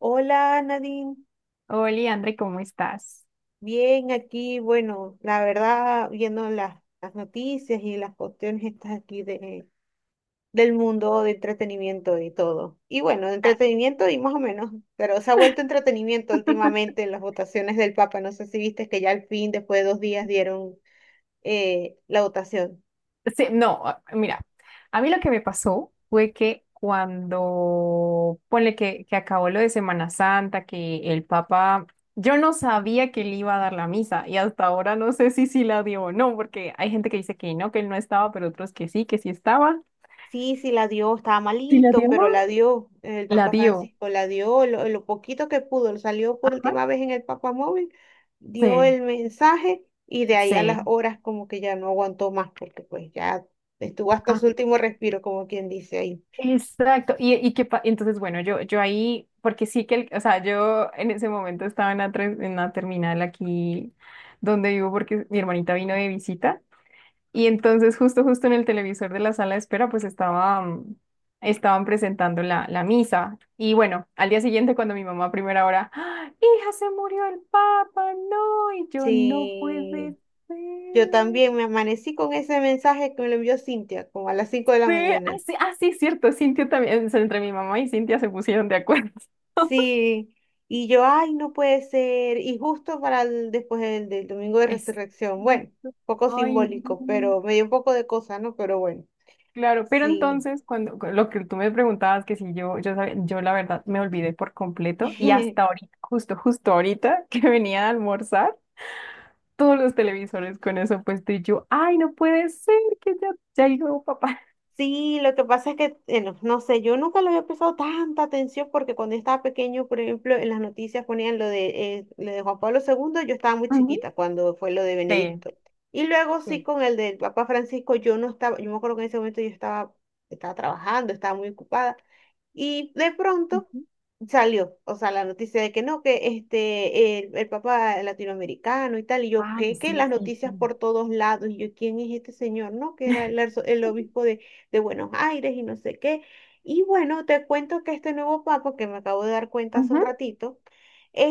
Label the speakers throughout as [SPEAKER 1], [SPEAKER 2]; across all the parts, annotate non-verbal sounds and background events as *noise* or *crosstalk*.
[SPEAKER 1] Hola Nadine,
[SPEAKER 2] Hola, André, ¿cómo estás?
[SPEAKER 1] bien aquí, bueno, la verdad, viendo las noticias y las cuestiones estas aquí de, del mundo de entretenimiento y todo. Y bueno, de
[SPEAKER 2] Ah.
[SPEAKER 1] entretenimiento y más o menos, pero se ha vuelto entretenimiento
[SPEAKER 2] *laughs*
[SPEAKER 1] últimamente en las votaciones del Papa. No sé si viste que ya al fin, después de 2 días, dieron la votación.
[SPEAKER 2] Sí, no, mira, a mí lo que me pasó fue que cuando, ponle que acabó lo de Semana Santa, que el Papa, yo no sabía que él iba a dar la misa y hasta ahora no sé si sí la dio o no, porque hay gente que dice que no, que él no estaba, pero otros que sí estaba.
[SPEAKER 1] Sí, sí, la dio, estaba
[SPEAKER 2] ¿Sí la
[SPEAKER 1] malito,
[SPEAKER 2] dio?
[SPEAKER 1] pero la dio el
[SPEAKER 2] La
[SPEAKER 1] Papa
[SPEAKER 2] dio.
[SPEAKER 1] Francisco, la dio lo poquito que pudo, salió por
[SPEAKER 2] Ajá.
[SPEAKER 1] última vez en el Papa Móvil, dio
[SPEAKER 2] Sí,
[SPEAKER 1] el mensaje y de ahí a las
[SPEAKER 2] sí.
[SPEAKER 1] horas como que ya no aguantó más, porque pues ya estuvo hasta su último respiro, como quien dice ahí.
[SPEAKER 2] Exacto, y entonces, bueno, yo ahí, porque sí que, o sea, yo en ese momento estaba en la terminal aquí donde vivo porque mi hermanita vino de visita y entonces justo en el televisor de la sala de espera, pues estaban presentando la misa y bueno, al día siguiente cuando mi mamá a primera hora, "¡Ah! hija, se murió el papa, no, y yo no puede
[SPEAKER 1] Sí, yo
[SPEAKER 2] ser.
[SPEAKER 1] también me amanecí con ese mensaje que me lo envió Cintia, como a las
[SPEAKER 2] Ah,
[SPEAKER 1] 5 de la
[SPEAKER 2] sí,
[SPEAKER 1] mañana.
[SPEAKER 2] así, así, cierto, Cintia también, o sea, entre mi mamá y Cintia se pusieron de acuerdo. *laughs*
[SPEAKER 1] Sí, y yo, ay, no puede ser. Y justo para después del domingo de
[SPEAKER 2] Exacto.
[SPEAKER 1] resurrección, bueno, poco
[SPEAKER 2] Ay, no.
[SPEAKER 1] simbólico, pero me dio un poco de cosa, ¿no? Pero bueno,
[SPEAKER 2] Claro, pero
[SPEAKER 1] sí.
[SPEAKER 2] entonces cuando lo que tú me preguntabas que si yo la verdad me olvidé por completo y
[SPEAKER 1] *laughs*
[SPEAKER 2] hasta ahorita, justo ahorita *laughs* que venía a almorzar, todos los televisores con eso puesto y yo, ay, no puede ser que ya llegó papá.
[SPEAKER 1] Sí, lo que pasa es que, no, no sé, yo nunca le había prestado tanta atención porque cuando yo estaba pequeño, por ejemplo, en las noticias ponían lo de Juan Pablo II, yo estaba muy
[SPEAKER 2] Ujú.
[SPEAKER 1] chiquita cuando fue lo de
[SPEAKER 2] Sí,
[SPEAKER 1] Benedicto. Y luego sí
[SPEAKER 2] sí.
[SPEAKER 1] con el del Papa Francisco, yo no estaba, yo me acuerdo que en ese momento yo estaba, estaba trabajando, estaba muy ocupada. Y de pronto
[SPEAKER 2] Ujú.
[SPEAKER 1] salió, o sea, la noticia de que no, que este, el Papa latinoamericano y tal, y yo,
[SPEAKER 2] Ay,
[SPEAKER 1] ¿qué? Que
[SPEAKER 2] sí,
[SPEAKER 1] las
[SPEAKER 2] sí,
[SPEAKER 1] noticias
[SPEAKER 2] sí.
[SPEAKER 1] por todos lados, y yo, ¿quién es este señor? No, que era el, arzo- el obispo de Buenos Aires y no sé qué. Y bueno, te cuento que este nuevo papa, que me acabo de dar cuenta hace un
[SPEAKER 2] Ujú.
[SPEAKER 1] ratito,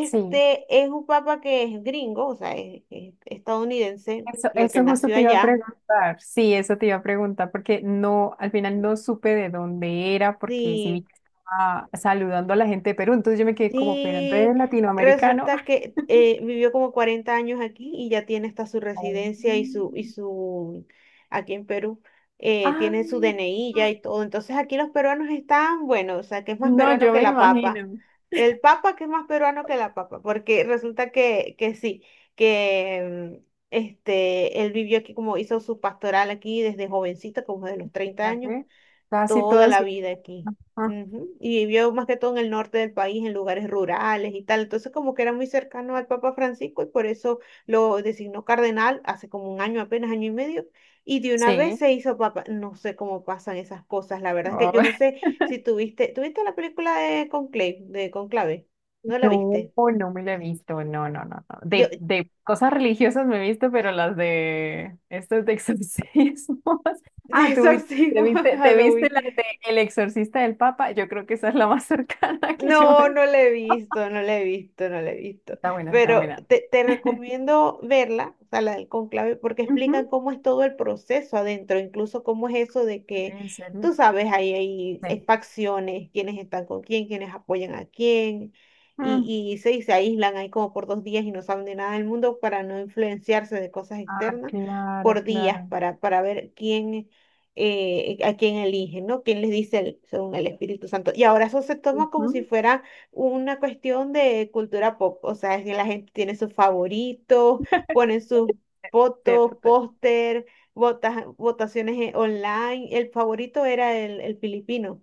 [SPEAKER 2] Sí.
[SPEAKER 1] es un papa que es gringo, o sea, es estadounidense,
[SPEAKER 2] Eso,
[SPEAKER 1] porque
[SPEAKER 2] eso justo
[SPEAKER 1] nació
[SPEAKER 2] te iba a
[SPEAKER 1] allá.
[SPEAKER 2] preguntar. Sí, eso te iba a preguntar porque no, al final no supe de dónde era porque sí vi
[SPEAKER 1] Sí.
[SPEAKER 2] que estaba saludando a la gente de Perú, entonces yo me quedé como, pero
[SPEAKER 1] Sí,
[SPEAKER 2] entonces latinoamericano.
[SPEAKER 1] resulta
[SPEAKER 2] *laughs*
[SPEAKER 1] que vivió como 40 años aquí y ya tiene hasta su
[SPEAKER 2] Oh.
[SPEAKER 1] residencia y su, aquí en Perú,
[SPEAKER 2] Ah,
[SPEAKER 1] tiene su DNI ya y todo. Entonces aquí los peruanos están, bueno, o sea, que es más
[SPEAKER 2] no,
[SPEAKER 1] peruano
[SPEAKER 2] yo
[SPEAKER 1] que
[SPEAKER 2] me
[SPEAKER 1] la papa.
[SPEAKER 2] imagino.
[SPEAKER 1] El papa que es más peruano que la papa, porque resulta que sí, que este, él vivió aquí como hizo su pastoral aquí desde jovencito, como de los 30 años
[SPEAKER 2] Fíjate, casi
[SPEAKER 1] toda
[SPEAKER 2] toda
[SPEAKER 1] la
[SPEAKER 2] su...
[SPEAKER 1] vida aquí.
[SPEAKER 2] Ajá,
[SPEAKER 1] Ujú. Y vivió más que todo en el norte del país, en lugares rurales y tal. Entonces, como que era muy cercano al Papa Francisco y por eso lo designó cardenal hace como un año, apenas año y medio. Y de una vez
[SPEAKER 2] sí.
[SPEAKER 1] se hizo papa. No sé cómo pasan esas cosas, la verdad es que yo no sé si tuviste, ¿tuviste la película de Conclave, de Conclave? ¿No la
[SPEAKER 2] No,
[SPEAKER 1] viste?
[SPEAKER 2] no me la he visto, no, no, no, no.
[SPEAKER 1] Yo, *laughs*
[SPEAKER 2] De cosas religiosas me he visto, pero las de estos de exorcismos. *laughs*
[SPEAKER 1] de
[SPEAKER 2] Ah, tú vi-
[SPEAKER 1] exorcismo *laughs*
[SPEAKER 2] te viste
[SPEAKER 1] Halloween.
[SPEAKER 2] la de El Exorcista del Papa. Yo creo que esa es la más *laughs* cercana que yo
[SPEAKER 1] No,
[SPEAKER 2] me.
[SPEAKER 1] no la he visto, no la he visto, no la he visto.
[SPEAKER 2] Está buena, está
[SPEAKER 1] Pero
[SPEAKER 2] buena.
[SPEAKER 1] te recomiendo verla, o sea, la del conclave, porque explican
[SPEAKER 2] Ujú.
[SPEAKER 1] cómo es todo el proceso adentro, incluso cómo es eso de que,
[SPEAKER 2] En serio.
[SPEAKER 1] tú sabes,
[SPEAKER 2] Sí.
[SPEAKER 1] hay facciones, quiénes están con quién, quiénes apoyan a quién,
[SPEAKER 2] Mm.
[SPEAKER 1] y se aíslan ahí como por 2 días y no saben de nada del mundo para no influenciarse de cosas
[SPEAKER 2] Ah,
[SPEAKER 1] externas
[SPEAKER 2] claro,
[SPEAKER 1] por días,
[SPEAKER 2] claro.
[SPEAKER 1] para ver quién a quien eligen, ¿no? ¿Quién les dice el- según el Espíritu Santo? Y ahora eso se toma como
[SPEAKER 2] Ujú.
[SPEAKER 1] si fuera una cuestión de cultura pop, o sea, es que la gente tiene sus favoritos,
[SPEAKER 2] *laughs*
[SPEAKER 1] ponen sus fotos,
[SPEAKER 2] Cierto.
[SPEAKER 1] póster, vota- votaciones online. El favorito era el filipino.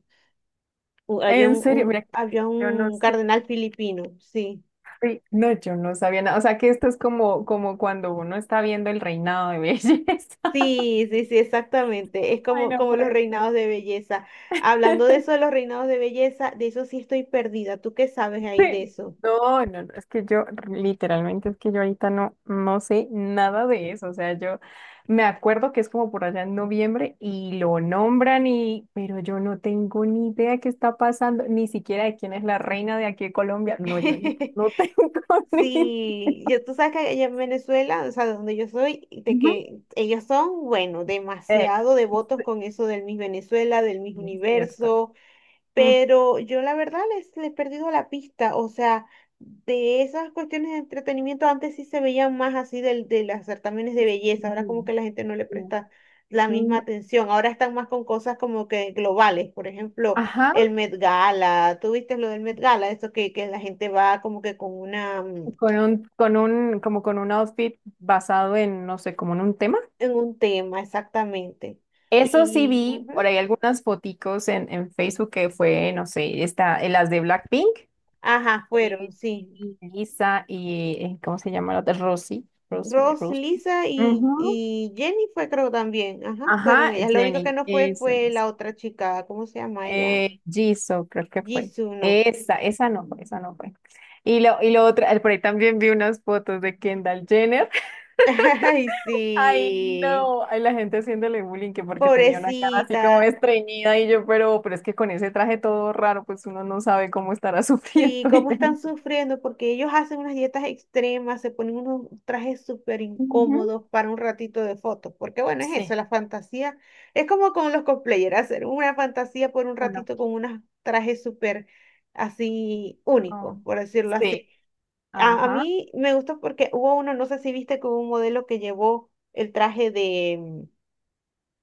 [SPEAKER 1] U- Había
[SPEAKER 2] En serio, mira,
[SPEAKER 1] había
[SPEAKER 2] yo no
[SPEAKER 1] un
[SPEAKER 2] sé.
[SPEAKER 1] cardenal filipino, sí.
[SPEAKER 2] Uy, no, yo no sabía nada. O sea que esto es como cuando uno está viendo el reinado de *laughs* belleza.
[SPEAKER 1] Sí, sí, sí, exactamente. Es
[SPEAKER 2] Ay,
[SPEAKER 1] como,
[SPEAKER 2] no
[SPEAKER 1] como los
[SPEAKER 2] puede ser.
[SPEAKER 1] reinados de belleza. Hablando de
[SPEAKER 2] *laughs*
[SPEAKER 1] eso de los reinados de belleza, de eso sí estoy perdida. ¿Tú qué sabes ahí de
[SPEAKER 2] Sí.
[SPEAKER 1] eso?
[SPEAKER 2] No, no, no, es que yo literalmente es que yo ahorita no, no sé nada de eso. O sea, yo me acuerdo que es como por allá en noviembre y lo nombran y, pero yo no tengo ni idea qué está pasando, ni siquiera de quién es la reina de aquí de Colombia. No, yo no,
[SPEAKER 1] *laughs*
[SPEAKER 2] no tengo *laughs* ni idea.
[SPEAKER 1] Sí, yo, tú sabes que allá en Venezuela, o sea, donde yo soy, de
[SPEAKER 2] Ujú.
[SPEAKER 1] que ellos son, bueno,
[SPEAKER 2] Eh,
[SPEAKER 1] demasiado devotos
[SPEAKER 2] sí,
[SPEAKER 1] con eso del Miss Venezuela, del Miss
[SPEAKER 2] sí, es cierto.
[SPEAKER 1] Universo.
[SPEAKER 2] Mm.
[SPEAKER 1] Pero yo la verdad les he perdido la pista, o sea, de esas cuestiones de entretenimiento antes sí se veían más así del, de las certámenes de belleza, ahora
[SPEAKER 2] Ujú,
[SPEAKER 1] como que la gente no le
[SPEAKER 2] sí.
[SPEAKER 1] presta la
[SPEAKER 2] Mm,
[SPEAKER 1] misma atención, ahora están más con cosas como que globales, por ejemplo,
[SPEAKER 2] ajá,
[SPEAKER 1] el Met Gala, ¿tú viste lo del Met Gala? Eso que la gente va como que con una,
[SPEAKER 2] como con un outfit basado en, no sé, como en un tema.
[SPEAKER 1] en un tema exactamente.
[SPEAKER 2] Eso sí
[SPEAKER 1] Y,
[SPEAKER 2] vi
[SPEAKER 1] ujú,
[SPEAKER 2] por ahí algunas foticos en Facebook que fue, no sé, esta, las de Blackpink,
[SPEAKER 1] ajá, fueron,
[SPEAKER 2] eh,
[SPEAKER 1] sí.
[SPEAKER 2] Lisa y, ¿cómo se llama la otra?
[SPEAKER 1] Ross,
[SPEAKER 2] Rosy
[SPEAKER 1] Lisa
[SPEAKER 2] Ujú.
[SPEAKER 1] y Jenny fue creo también, ajá, fueron
[SPEAKER 2] Ajá,
[SPEAKER 1] ellas. Lo único que
[SPEAKER 2] Jenny,
[SPEAKER 1] no fue
[SPEAKER 2] esa.
[SPEAKER 1] fue
[SPEAKER 2] Es.
[SPEAKER 1] la otra chica, ¿cómo se llama ella?
[SPEAKER 2] Jisoo, creo que fue.
[SPEAKER 1] Jisoo, no.
[SPEAKER 2] Esa no fue, esa no fue. Y lo otro, por ahí también vi unas fotos de Kendall Jenner.
[SPEAKER 1] *laughs* Ay,
[SPEAKER 2] Ay,
[SPEAKER 1] sí,
[SPEAKER 2] no. Ay, la gente haciéndole bullying que porque tenía una cara así como
[SPEAKER 1] pobrecita.
[SPEAKER 2] estreñida y yo, pero es que con ese traje todo raro, pues uno no sabe cómo estará *laughs* sufriendo.
[SPEAKER 1] Sí, cómo están sufriendo porque ellos hacen unas dietas extremas, se ponen unos trajes súper
[SPEAKER 2] Ujú.
[SPEAKER 1] incómodos para un ratito de fotos, porque bueno, es eso,
[SPEAKER 2] Sí,
[SPEAKER 1] la fantasía. Es como con los cosplayers, hacer una fantasía por un
[SPEAKER 2] uno.
[SPEAKER 1] ratito con unos trajes súper así
[SPEAKER 2] No.
[SPEAKER 1] únicos, por decirlo
[SPEAKER 2] Sí,
[SPEAKER 1] así. A
[SPEAKER 2] ajá.
[SPEAKER 1] mí me gustó porque hubo uno, no sé si viste que hubo un modelo que llevó el traje de mm,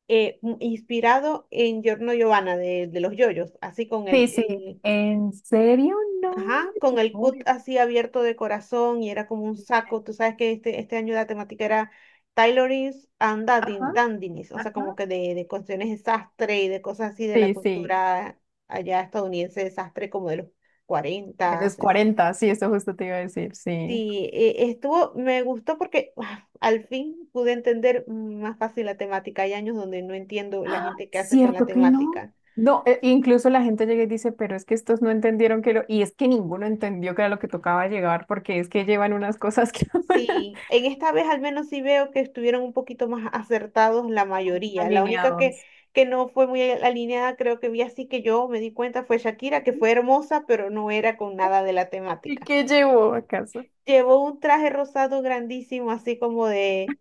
[SPEAKER 1] eh, mm, inspirado en Giorno Giovanna de los yoyos, así con
[SPEAKER 2] Sí, sí. ¿En serio? No.
[SPEAKER 1] ajá,
[SPEAKER 2] Yo
[SPEAKER 1] con el
[SPEAKER 2] no voy
[SPEAKER 1] cut
[SPEAKER 2] a
[SPEAKER 1] así abierto de corazón y era como un
[SPEAKER 2] pensar.
[SPEAKER 1] saco. Tú sabes que este año la temática era tailorings and dandin-
[SPEAKER 2] Ajá,
[SPEAKER 1] dandinis, o sea, como
[SPEAKER 2] ajá.
[SPEAKER 1] que de cuestiones de sastre y de cosas así de la
[SPEAKER 2] Sí, sí.
[SPEAKER 1] cultura allá estadounidense de sastre como de los
[SPEAKER 2] De
[SPEAKER 1] 40,
[SPEAKER 2] los 40, sí, eso justo te iba a decir, sí.
[SPEAKER 1] sí, e- estuvo, me gustó porque ah, al fin pude entender más fácil la temática. Hay años donde no entiendo la gente que hace con la
[SPEAKER 2] Cierto que no.
[SPEAKER 1] temática.
[SPEAKER 2] No, incluso la gente llega y dice, pero es que estos no entendieron que lo... Y es que ninguno entendió que era lo que tocaba llegar, porque es que llevan unas cosas que *laughs*
[SPEAKER 1] Sí, en esta vez al menos sí veo que estuvieron un poquito más acertados la mayoría. La única
[SPEAKER 2] alineados.
[SPEAKER 1] que no fue muy alineada, creo que vi así que yo me di cuenta, fue Shakira, que fue hermosa, pero no era con nada de la
[SPEAKER 2] ¿Y
[SPEAKER 1] temática.
[SPEAKER 2] qué llevó acaso?
[SPEAKER 1] Llevó un traje rosado grandísimo, así como de.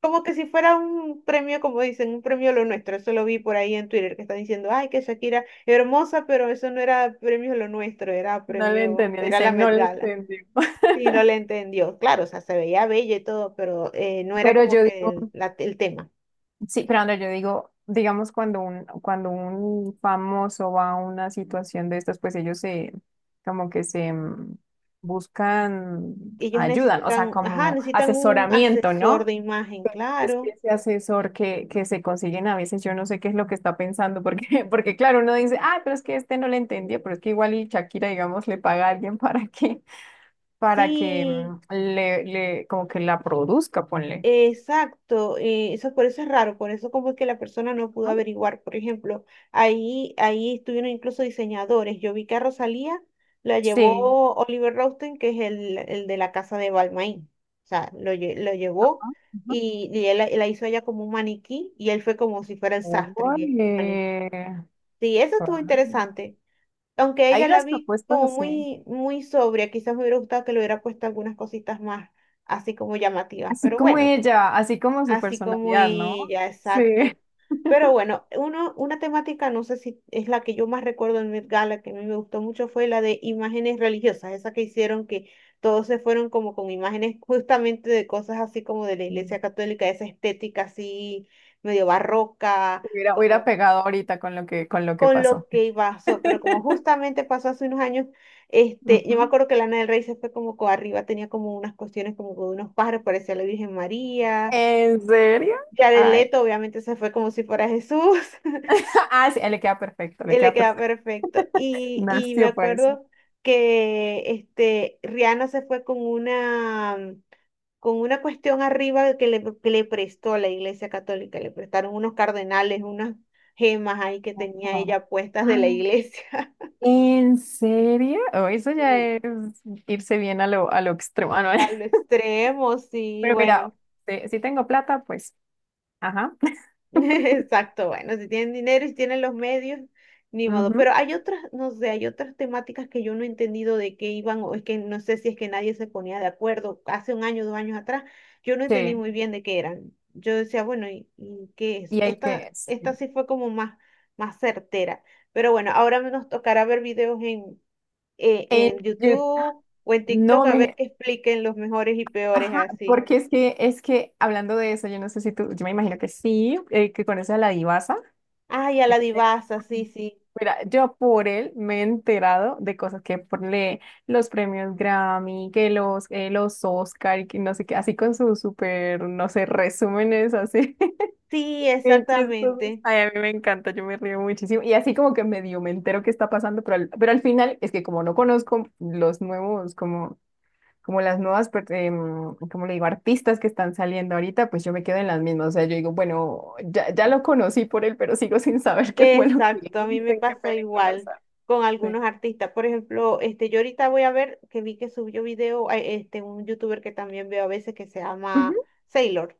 [SPEAKER 1] Como que si fuera un premio, como dicen, un premio lo nuestro. Eso lo vi por ahí en Twitter que están diciendo, ay, que Shakira hermosa, pero eso no era premio lo nuestro, era
[SPEAKER 2] No le
[SPEAKER 1] premio,
[SPEAKER 2] entendió,
[SPEAKER 1] era
[SPEAKER 2] dice,
[SPEAKER 1] la
[SPEAKER 2] no
[SPEAKER 1] Met
[SPEAKER 2] le
[SPEAKER 1] Gala.
[SPEAKER 2] entendió.
[SPEAKER 1] Sí, no le entendió. Claro, o sea, se veía bella y todo, pero no
[SPEAKER 2] *laughs*
[SPEAKER 1] era
[SPEAKER 2] Pero
[SPEAKER 1] como
[SPEAKER 2] yo
[SPEAKER 1] que
[SPEAKER 2] digo,
[SPEAKER 1] el tema.
[SPEAKER 2] sí, pero Andrea, yo digo, digamos, cuando un famoso va a una situación de estas, pues ellos se, como que se buscan,
[SPEAKER 1] Ellos
[SPEAKER 2] ayudan, o sea,
[SPEAKER 1] necesitan, ajá,
[SPEAKER 2] como
[SPEAKER 1] necesitan un
[SPEAKER 2] asesoramiento,
[SPEAKER 1] asesor
[SPEAKER 2] ¿no?
[SPEAKER 1] de imagen,
[SPEAKER 2] Es que
[SPEAKER 1] claro.
[SPEAKER 2] ese asesor que se consiguen a veces, yo no sé qué es lo que está pensando, porque, *laughs* porque claro, uno dice, ah, pero es que este no le entendió, pero es que igual y Shakira, digamos, le paga a alguien *laughs* para que
[SPEAKER 1] Sí.
[SPEAKER 2] le, como que la produzca, ponle.
[SPEAKER 1] Exacto, eso por eso es raro, por eso como es que la persona no pudo
[SPEAKER 2] ¿No?
[SPEAKER 1] averiguar. Por ejemplo, ahí estuvieron incluso diseñadores. Yo vi que a Rosalía la
[SPEAKER 2] Sí.
[SPEAKER 1] llevó Oliver Rosten, que es el de la casa de Balmain. O sea, lo, lle- lo llevó
[SPEAKER 2] Ujú.
[SPEAKER 1] y él la, la hizo ella como un maniquí y él fue como si fuera el sastre y ella
[SPEAKER 2] Ole.
[SPEAKER 1] el maniquí. Sí, eso estuvo
[SPEAKER 2] Ay.
[SPEAKER 1] interesante. Aunque
[SPEAKER 2] Hay
[SPEAKER 1] ella la
[SPEAKER 2] unas
[SPEAKER 1] vi
[SPEAKER 2] propuestas
[SPEAKER 1] como
[SPEAKER 2] así,
[SPEAKER 1] muy, muy sobria, quizás me hubiera gustado que le hubiera puesto algunas cositas más así como llamativas,
[SPEAKER 2] así
[SPEAKER 1] pero
[SPEAKER 2] como
[SPEAKER 1] bueno.
[SPEAKER 2] ella, así como su
[SPEAKER 1] Así como
[SPEAKER 2] personalidad, ¿no?
[SPEAKER 1] ella,
[SPEAKER 2] Sí.
[SPEAKER 1] exacto. Pero bueno, uno, una temática, no sé si es la que yo más recuerdo en Met Gala, que a mí me gustó mucho, fue la de imágenes religiosas, esa que hicieron que todos se fueron como con imágenes *laughs* justamente de cosas así como de la Iglesia
[SPEAKER 2] Sí.
[SPEAKER 1] Católica, esa estética así medio barroca,
[SPEAKER 2] Hubiera
[SPEAKER 1] como
[SPEAKER 2] pegado ahorita con lo que,
[SPEAKER 1] con
[SPEAKER 2] pasó.
[SPEAKER 1] lo que pasó, pero como
[SPEAKER 2] *laughs*
[SPEAKER 1] justamente pasó hace unos años, este, yo me
[SPEAKER 2] Ujú.
[SPEAKER 1] acuerdo que Lana del Rey se fue como co- arriba, tenía como unas cuestiones como con unos pájaros, parecía la Virgen María.
[SPEAKER 2] ¿En serio?
[SPEAKER 1] Jared
[SPEAKER 2] Ay.
[SPEAKER 1] Leto obviamente se fue como si fuera Jesús, *laughs*
[SPEAKER 2] *laughs* Ah, sí, le queda perfecto, le
[SPEAKER 1] él le
[SPEAKER 2] queda
[SPEAKER 1] queda
[SPEAKER 2] perfecto.
[SPEAKER 1] perfecto.
[SPEAKER 2] *laughs*
[SPEAKER 1] Y me
[SPEAKER 2] Nació para eso.
[SPEAKER 1] acuerdo que este, Rihanna se fue con una cuestión arriba que le prestó la Iglesia Católica, le prestaron unos cardenales, unas gemas ahí que tenía
[SPEAKER 2] Wow.
[SPEAKER 1] ella puestas de la
[SPEAKER 2] Ah,
[SPEAKER 1] iglesia. *laughs*
[SPEAKER 2] ¿en serio? Oh, eso ya
[SPEAKER 1] Sí,
[SPEAKER 2] es irse bien a lo extremo, ah, ¿no?
[SPEAKER 1] a lo
[SPEAKER 2] *laughs*
[SPEAKER 1] extremo, sí,
[SPEAKER 2] Pero mira,
[SPEAKER 1] bueno.
[SPEAKER 2] si tengo plata, pues, ajá.
[SPEAKER 1] *laughs* Exacto, bueno, si tienen dinero y si tienen los medios, ni modo. Pero
[SPEAKER 2] Ujú,
[SPEAKER 1] hay otras, no sé, hay otras temáticas que yo no he entendido de qué iban, o es que no sé si es que nadie se ponía de acuerdo. Hace un año, dos años atrás, yo no entendí
[SPEAKER 2] sí,
[SPEAKER 1] muy bien de qué eran. Yo decía, bueno, y qué es?
[SPEAKER 2] y hay
[SPEAKER 1] Esta,
[SPEAKER 2] que...
[SPEAKER 1] esta
[SPEAKER 2] sí.
[SPEAKER 1] sí fue como más, más certera. Pero bueno, ahora nos tocará ver videos
[SPEAKER 2] En
[SPEAKER 1] en
[SPEAKER 2] Yu-
[SPEAKER 1] YouTube o en TikTok
[SPEAKER 2] no
[SPEAKER 1] a ver
[SPEAKER 2] me...
[SPEAKER 1] que expliquen los mejores y peores
[SPEAKER 2] Ajá,
[SPEAKER 1] así.
[SPEAKER 2] porque es que hablando de eso, yo no sé si tú, yo me imagino que sí, que conoces a la divasa.
[SPEAKER 1] Ay, a la
[SPEAKER 2] Este,
[SPEAKER 1] divasa, sí,
[SPEAKER 2] así.
[SPEAKER 1] sí.
[SPEAKER 2] Mira, yo por él me he enterado de cosas que por los premios Grammy, que los Oscar y que no sé qué, así con sus súper, no sé, resúmenes así, *laughs*
[SPEAKER 1] Sí,
[SPEAKER 2] bien chistosos.
[SPEAKER 1] exactamente.
[SPEAKER 2] Ay, a mí me encanta, yo me río muchísimo. Y así como que medio me entero qué está pasando, pero pero al final es que como no conozco los nuevos, como las nuevas, como le digo, artistas que están saliendo ahorita, pues yo me quedo en las mismas. O sea, yo digo, bueno, ya, ya lo conocí por él, pero sigo *laughs* sin saber qué fue lo que
[SPEAKER 1] Exacto, a mí
[SPEAKER 2] hizo,
[SPEAKER 1] me
[SPEAKER 2] en qué
[SPEAKER 1] pasa
[SPEAKER 2] películas
[SPEAKER 1] igual con
[SPEAKER 2] hace.
[SPEAKER 1] algunos artistas. Por ejemplo, este, yo ahorita voy a ver que vi que subió video, este, un youtuber que también veo a veces que se llama
[SPEAKER 2] Ujú,
[SPEAKER 1] Sailor,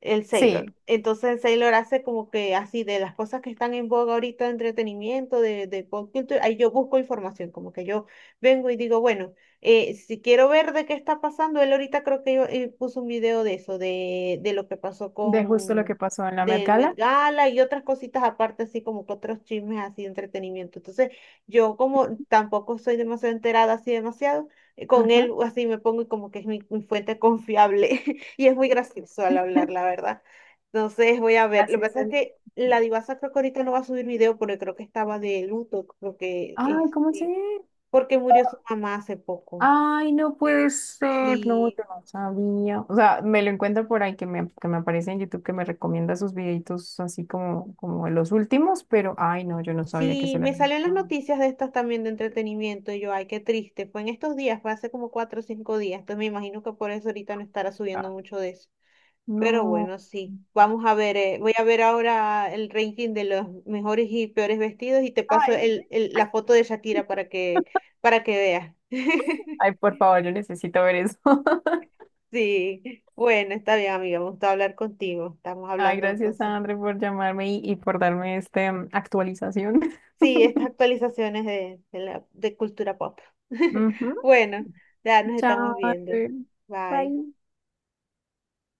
[SPEAKER 1] el Sailor.
[SPEAKER 2] sí,
[SPEAKER 1] Entonces Sailor hace como que así de las cosas que están en boga ahorita de entretenimiento, de pop culture, ahí yo busco información, como que yo vengo y digo, bueno, si quiero ver de qué está pasando, él ahorita creo que yo, puso un video de eso, de lo que pasó
[SPEAKER 2] de justo lo que
[SPEAKER 1] con
[SPEAKER 2] pasó en la Met
[SPEAKER 1] del Met
[SPEAKER 2] Gala.
[SPEAKER 1] Gala y otras cositas aparte, así como que otros chismes así de entretenimiento. Entonces, yo como tampoco soy demasiado enterada así demasiado, con
[SPEAKER 2] Ajá.
[SPEAKER 1] él así me pongo y como que es mi, mi fuente confiable *laughs* y es muy gracioso al hablar, la
[SPEAKER 2] *laughs*
[SPEAKER 1] verdad. Entonces, voy a ver. Lo
[SPEAKER 2] Así
[SPEAKER 1] que
[SPEAKER 2] es.
[SPEAKER 1] pasa es que la divasa creo que ahorita no va a subir video porque creo que estaba de luto, creo que
[SPEAKER 2] Ay, ¿cómo se?
[SPEAKER 1] este, porque murió su mamá hace poco.
[SPEAKER 2] Ay, no puede ser, no,
[SPEAKER 1] Sí,
[SPEAKER 2] yo no sabía. O sea, me lo encuentro por ahí que me aparece en YouTube que me recomienda sus videitos como los últimos, pero ay, no, yo no sabía que
[SPEAKER 1] sí,
[SPEAKER 2] se le
[SPEAKER 1] me
[SPEAKER 2] había
[SPEAKER 1] salió
[SPEAKER 2] muerto
[SPEAKER 1] en las
[SPEAKER 2] la mamá.
[SPEAKER 1] noticias de estas también de entretenimiento y yo, ay, qué triste. Fue en estos días, fue hace como 4 o 5 días. Entonces me imagino que por eso ahorita no estará subiendo mucho de eso. Pero
[SPEAKER 2] No.
[SPEAKER 1] bueno, sí. Vamos a ver, voy a ver ahora el ranking de los mejores y peores vestidos y te paso
[SPEAKER 2] Ay,
[SPEAKER 1] la foto de Shakira para que veas. *laughs*
[SPEAKER 2] ay, por favor, yo necesito ver eso. *laughs*
[SPEAKER 1] Sí, bueno, está bien, amiga. Me gustó hablar contigo. Estamos
[SPEAKER 2] Ay,
[SPEAKER 1] hablando
[SPEAKER 2] gracias,
[SPEAKER 1] entonces.
[SPEAKER 2] André, por llamarme y por darme esta actualización.
[SPEAKER 1] Sí, estas
[SPEAKER 2] *laughs*
[SPEAKER 1] actualizaciones de la, de cultura pop. *laughs*
[SPEAKER 2] Ujú.
[SPEAKER 1] Bueno, ya nos estamos
[SPEAKER 2] Chao,
[SPEAKER 1] viendo.
[SPEAKER 2] André.
[SPEAKER 1] Bye.
[SPEAKER 2] Bye.